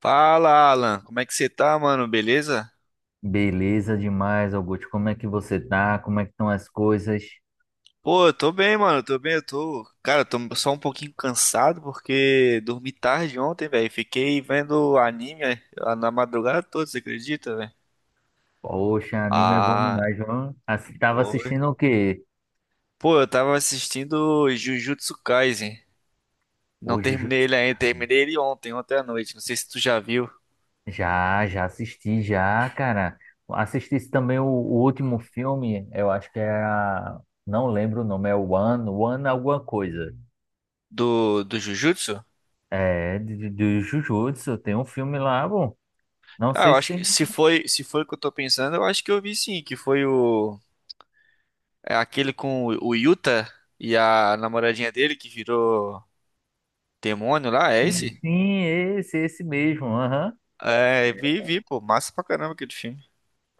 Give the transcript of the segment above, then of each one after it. Fala, Alan. Como é que você tá, mano? Beleza? Beleza demais, Augusto. Como é que você tá? Como é que estão as coisas? Pô, eu tô bem, mano. Eu tô bem. Eu tô, cara, eu tô só um pouquinho cansado porque dormi tarde ontem, velho. Fiquei vendo anime na madrugada toda, você acredita, velho? Poxa, anime é bom Ah, demais, viu? Tava foi. assistindo o quê? Pô, eu tava assistindo Jujutsu Kaisen. Não Hoje o Ju- terminei ele ainda. Terminei ele ontem à noite. Não sei se tu já viu já assisti, já, cara. Assisti também o último filme, eu acho que era. Não lembro o nome, é One alguma coisa. do Jujutsu. É, de Jujutsu, tem um filme lá, bom. Não Ah, sei eu se acho que tem. Se foi o que eu tô pensando, eu acho que eu vi sim, que foi o… É aquele com o Yuta e a namoradinha dele que virou demônio lá, é Sim, esse? sim, esse mesmo. Aham. É, vi, pô, massa pra caramba aquele filme.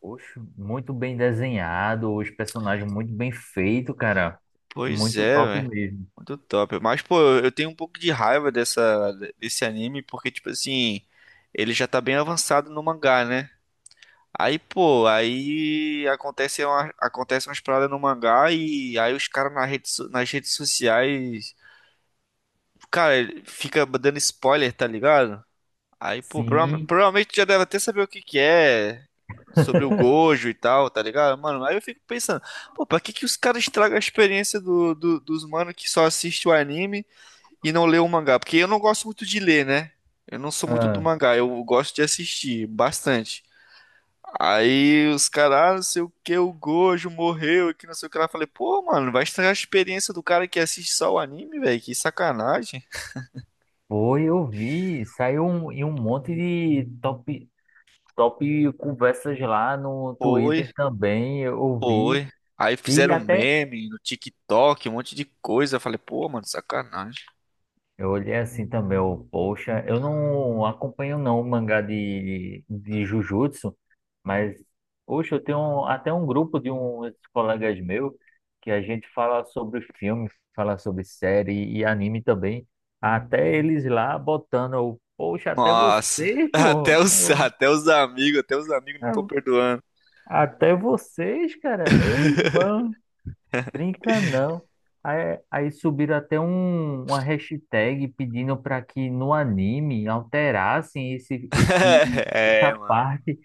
Oxe, muito bem desenhado, os personagens muito bem feitos, cara. Pois Muito é, top velho. mesmo. Muito top. Mas, pô, eu tenho um pouco de raiva desse anime, porque, tipo assim, ele já tá bem avançado no mangá, né? Aí, pô, aí acontece umas paradas no mangá e aí os caras na nas redes sociais, cara, ele fica dando spoiler, tá ligado? Aí, pô, Sim. provavelmente já deve até saber o que que é sobre o Gojo e tal, tá ligado? Mano, aí eu fico pensando, pô, pra que que os caras estragam a experiência dos mano que só assiste o anime e não lê o mangá? Porque eu não gosto muito de ler, né? Eu não sou muito do Ah, mangá, eu gosto de assistir bastante. Aí os caras, ah, não sei o que, o Gojo morreu e que não sei o que lá. Eu falei, pô, mano, vai estragar a experiência do cara que assiste só o anime, velho? Que sacanagem. foi, eu vi. Saiu um, e um monte de top conversas lá no Foi. Twitter também. Eu vi. Foi. Aí E fizeram até meme no TikTok, um monte de coisa. Eu falei, pô, mano, sacanagem. Eu olhei assim também, eu, poxa, eu não acompanho não o mangá de Jujutsu, mas, poxa, eu tenho até um grupo de uns colegas meus que a gente fala sobre filme, fala sobre série e anime também, até eles lá botando, eu, poxa, até Nossa, vocês, pô, até os amigos não tô eu, perdoando. até vocês, cara, meu irmão. Brinca não. Aí subiram até um, uma hashtag pedindo para que no anime alterassem É, essa mano. parte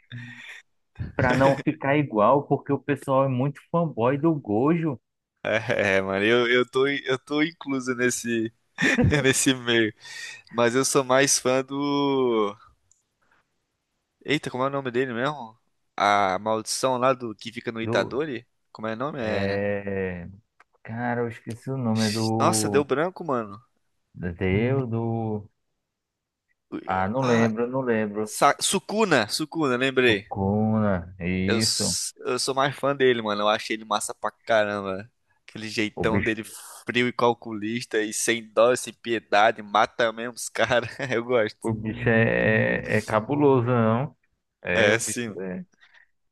para não ficar igual, porque o pessoal é muito fanboy do Gojo, É, mano, eu tô incluso nesse, nesse meio. Mas eu sou mais fã do. Eita, como é o nome dele mesmo? A maldição lá do que fica no do, Itadori? Como é o nome? É. é, cara, eu esqueci o nome, é Nossa, deu do, branco, mano. do Deus, do, ah, Ah, não lembro, Sukuna, lembrei. Sukuna, isso, Eu sou mais fã dele, mano. Eu acho ele massa pra caramba. Aquele o jeitão bicho, dele frio e calculista e sem dó, sem piedade, mata mesmo os caras. Eu o gosto. bicho é, é cabuloso, não? É, É, o bicho. sim. é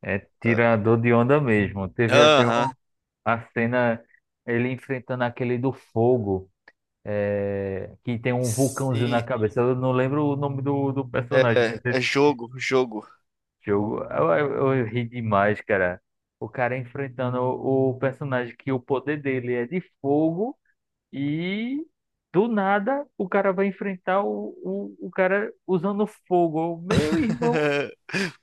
É Ah. tirador de onda mesmo. Aham. A cena ele enfrentando aquele do fogo, é, que tem um vulcãozinho na Sim. cabeça. Eu não lembro o nome do É, personagem, mas esse jogo. jogo eu ri demais, cara. O cara enfrentando o personagem que o poder dele é de fogo e do nada o cara vai enfrentar o cara usando fogo. Meu irmão,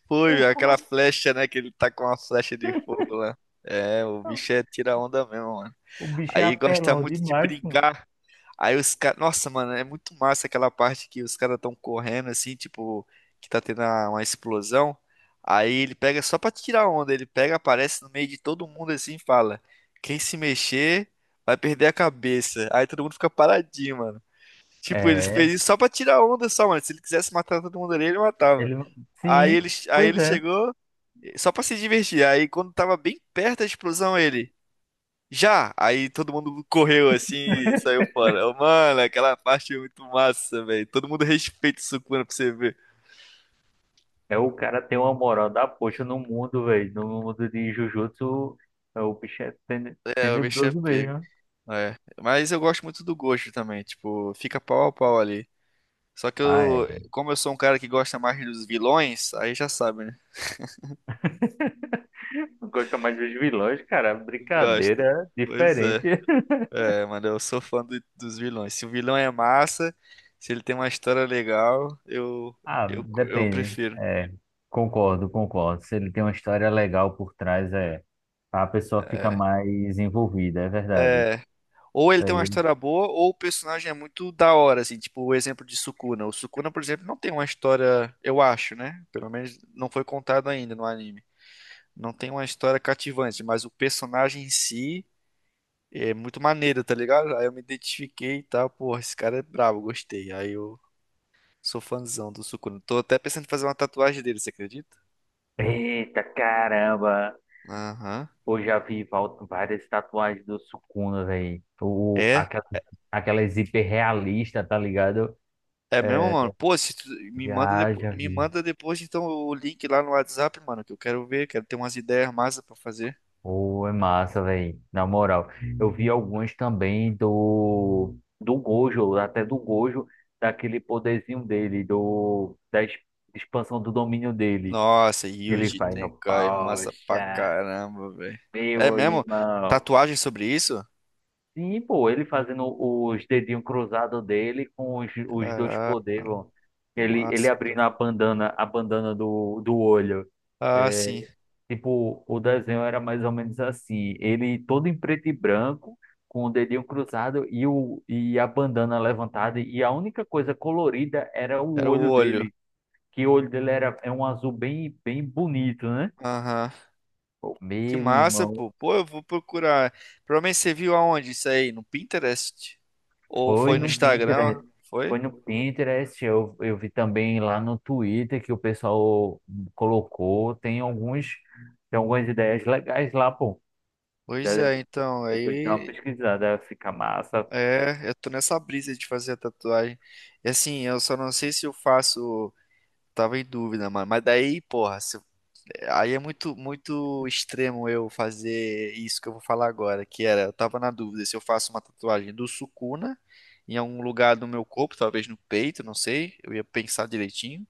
Foi, velho, como aquela é que. flecha, né? Que ele tá com uma flecha de fogo lá. É, o Tá? bicho é tira onda mesmo, mano. O bicho é Aí gosta apelão muito de demais, mano. brincar. Aí os caras. Nossa, mano, é muito massa aquela parte que os caras estão correndo assim, tipo, que tá tendo uma explosão. Aí ele pega só pra tirar onda, ele pega, aparece no meio de todo mundo assim e fala: Quem se mexer vai perder a cabeça. Aí todo mundo fica paradinho, mano. Tipo, ele fez É, isso só pra tirar onda, só, mano. Se ele quisesse matar todo mundo ali, ele matava. Ele não- Sim, Aí pois ele é. chegou só pra se divertir. Aí quando tava bem perto da explosão, ele. Já! Aí todo mundo correu assim e saiu fora. Eu, mano, aquela parte é muito massa, velho. Todo mundo respeita o Sukuna pra você ver. É o cara tem uma moral da poxa no mundo, velho. No mundo de Jujutsu, é, o bicho é É, o bicho é tenebroso pego. mesmo. É. Mas eu gosto muito do Gojo também. Tipo, fica pau a pau ali. Só que Ah, eu, é. como eu sou um cara que gosta mais dos vilões, aí já sabe, né? Não gosta mais dos vilões, cara. Eu gosto. Brincadeira é Pois diferente. é. É, mano, eu sou fã dos vilões. Se o vilão é massa, se ele tem uma história legal, Ah, eu depende. prefiro. É, concordo. Se ele tem uma história legal por trás, é. A pessoa fica É. mais envolvida, é verdade. É. Ou ele Isso tem uma aí. história boa, ou o personagem é muito da hora, assim, tipo o exemplo de Sukuna. O Sukuna, por exemplo, não tem uma história, eu acho, né? Pelo menos não foi contado ainda no anime. Não tem uma história cativante, mas o personagem em si é muito maneiro, tá ligado? Aí eu me identifiquei e tal, porra, esse cara é brabo, gostei. Aí eu sou fãzão do Sukuna. Tô até pensando em fazer uma tatuagem dele, você acredita? Eita caramba! Aham. Pô, já vi várias tatuagens do Sukuna, velho. É? Aquela hiper realista, tá ligado? É mesmo, mano? Pô, se tu Já me vi. manda depois então o link lá no WhatsApp, mano, que eu quero ver, quero ter umas ideias massa pra fazer. Pô, é massa, velho. Na moral. Eu vi algumas também do, do Gojo, até do Gojo, daquele poderzinho dele, do, da expansão do domínio dele. Nossa, Que ele Yuji faz, ó, Tenkai, massa pra poxa, caramba, velho. É meu mesmo? irmão. Tatuagem sobre isso? Sim, pô, ele fazendo os dedinhos cruzados dele com os dois Caraca, poderes, ó. que Ele massa, abrindo bro. A bandana do, do olho. Ah, sim. Tipo, o desenho era mais ou menos assim. Ele todo em preto e branco, com o dedinho cruzado e, o, e a bandana levantada. E a única coisa colorida era o Era o olho olho. dele. Que o olho dele era, é um azul bem bonito, né? Aham. Pô, Que meu massa, irmão. pô. Pô, eu vou procurar. Provavelmente você viu aonde isso aí? No Pinterest? Ou Foi foi no no Instagram? Pinterest, Foi? foi no Pinterest, eu vi também lá no Twitter que o pessoal colocou, tem alguns, tem algumas ideias legais lá, pô. Pois Da- é, então, Depois dá uma aí… pesquisada, fica massa. É, eu tô nessa brisa de fazer a tatuagem. E assim, eu só não sei se eu faço. Tava em dúvida, mano. Mas daí, porra, se- aí é muito extremo eu fazer isso que eu vou falar agora, que era, eu tava na dúvida se eu faço uma tatuagem do Sukuna em algum lugar do meu corpo, talvez no peito, não sei. Eu ia pensar direitinho.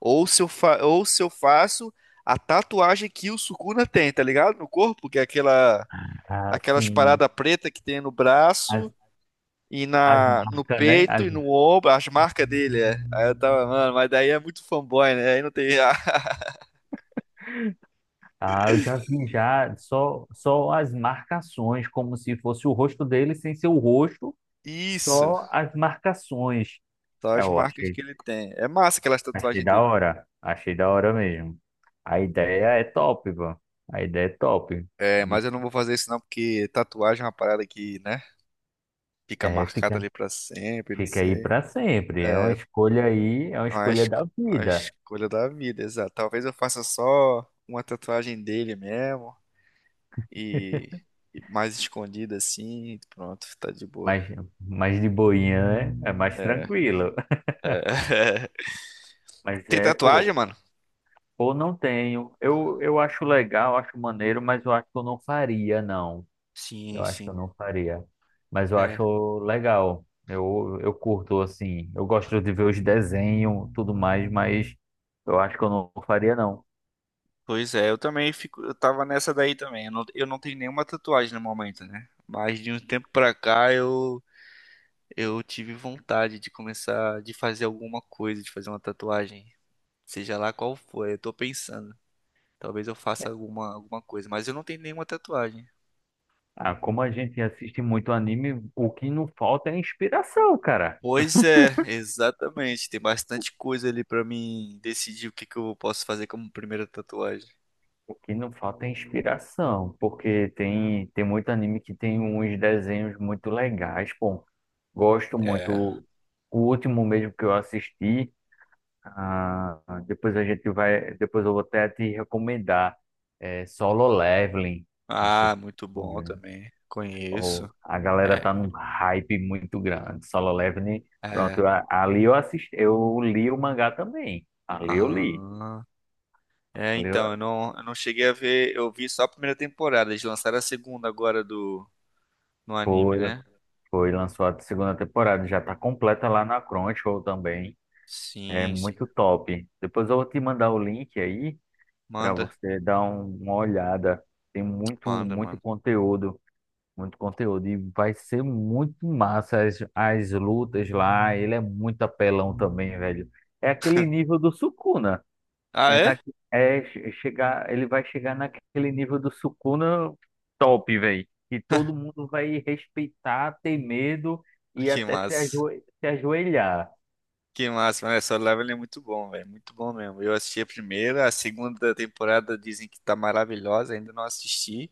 Ou se eu faço a tatuagem que o Sukuna tem, tá ligado? No corpo, que é aquelas Assim, paradas preta que tem no as, braço e as no marcas, né? peito e no ombro, as marcas dele, é. Aí eu tava, mano, mas daí é muito fanboy, né? Aí não tem. Ah, eu já vi já só as marcações, como se fosse o rosto dele sem ser o rosto, Isso, só as marcações. só as Eu marcas achei que ele tem. É massa aquelas Achei tatuagens da dele. hora. Achei da hora mesmo. A ideia é top, pô. A ideia é top. É, mas Bicho, eu não vou fazer isso não, porque tatuagem é uma parada que, né? Fica é, marcada ali pra sempre, não fica aí sei. pra sempre. É uma escolha aí, é uma escolha da Uma vida. escolha da vida, exato. Talvez eu faça só uma tatuagem dele mesmo e. Mais escondida assim, pronto, tá de boa. Mas, mas de boinha é, é mais É, tranquilo. é. Mas Tem é, tatuagem, pô, mano? pô, não tenho. Eu acho legal, acho maneiro, mas eu acho que eu não faria, não. Sim, Eu acho que eu sim. não faria. Mas eu É. acho legal. Eu curto, assim. Eu gosto de ver os desenhos, tudo mais, mas eu acho que eu não faria, não. Pois é, eu também fico, eu tava nessa daí também. Eu não tenho nenhuma tatuagem no momento, né? Mas de um tempo pra cá eu tive vontade de começar de fazer alguma coisa, de fazer uma tatuagem, seja lá qual for. Eu tô pensando, talvez eu faça alguma coisa, mas eu não tenho nenhuma tatuagem. Ah, como a gente assiste muito anime, o que não falta é inspiração, cara. Pois é, exatamente. Tem bastante coisa ali pra mim decidir o que que eu posso fazer como primeira tatuagem. O que não falta é inspiração, porque tem muito anime que tem uns desenhos muito legais, pô. Gosto É. muito. O último mesmo que eu assisti. Ah, depois a gente vai, depois eu vou até te recomendar é, Solo Leveling. Não sei Ah, se muito bom também. ou Conheço. a galera É. tá num hype muito grande. Solo Leveling, É. pronto, ali eu assisti, eu li o mangá também. Ali eu li. Ah, é, Ali então, eu- eu não cheguei a ver, eu vi só a primeira temporada, eles lançaram a segunda agora do, no anime, foi, né? foi lançou a segunda temporada, já tá completa lá na Crunchyroll também. É Sim, sim. muito top. Depois eu vou te mandar o link aí para Manda, você dar uma olhada. Tem manda, muito manda. conteúdo. Muito conteúdo. E vai ser muito massa as lutas lá. Ele é muito apelão também, velho. É aquele nível do Sukuna. Ah, É, é? na, é chegar, ele vai chegar naquele nível do Sukuna top, velho. Que todo mundo vai respeitar, ter medo e Que até se, massa. Se ajoelhar. Que massa, mas Solo Level é muito bom, velho, muito bom mesmo. Eu assisti a primeira, a segunda temporada dizem que tá maravilhosa, ainda não assisti,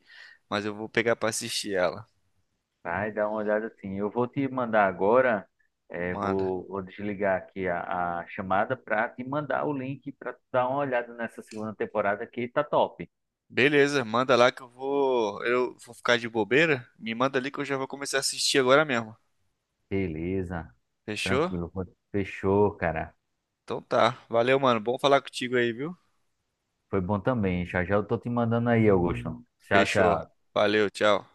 mas eu vou pegar pra assistir ela. Vai dar uma olhada assim. Eu vou te mandar agora, é, Manda. Vou desligar aqui a chamada para te mandar o link para tu dar uma olhada nessa segunda temporada que tá top. Beleza, manda lá que eu vou ficar de bobeira, me manda ali que eu já vou começar a assistir agora mesmo. Beleza, Fechou? tranquilo. Fechou, cara. Então tá. Valeu, mano. Bom falar contigo aí, viu? Foi bom também. Já já eu tô te mandando aí, Augusto. Tchau, Fechou. tchau. Valeu, tchau.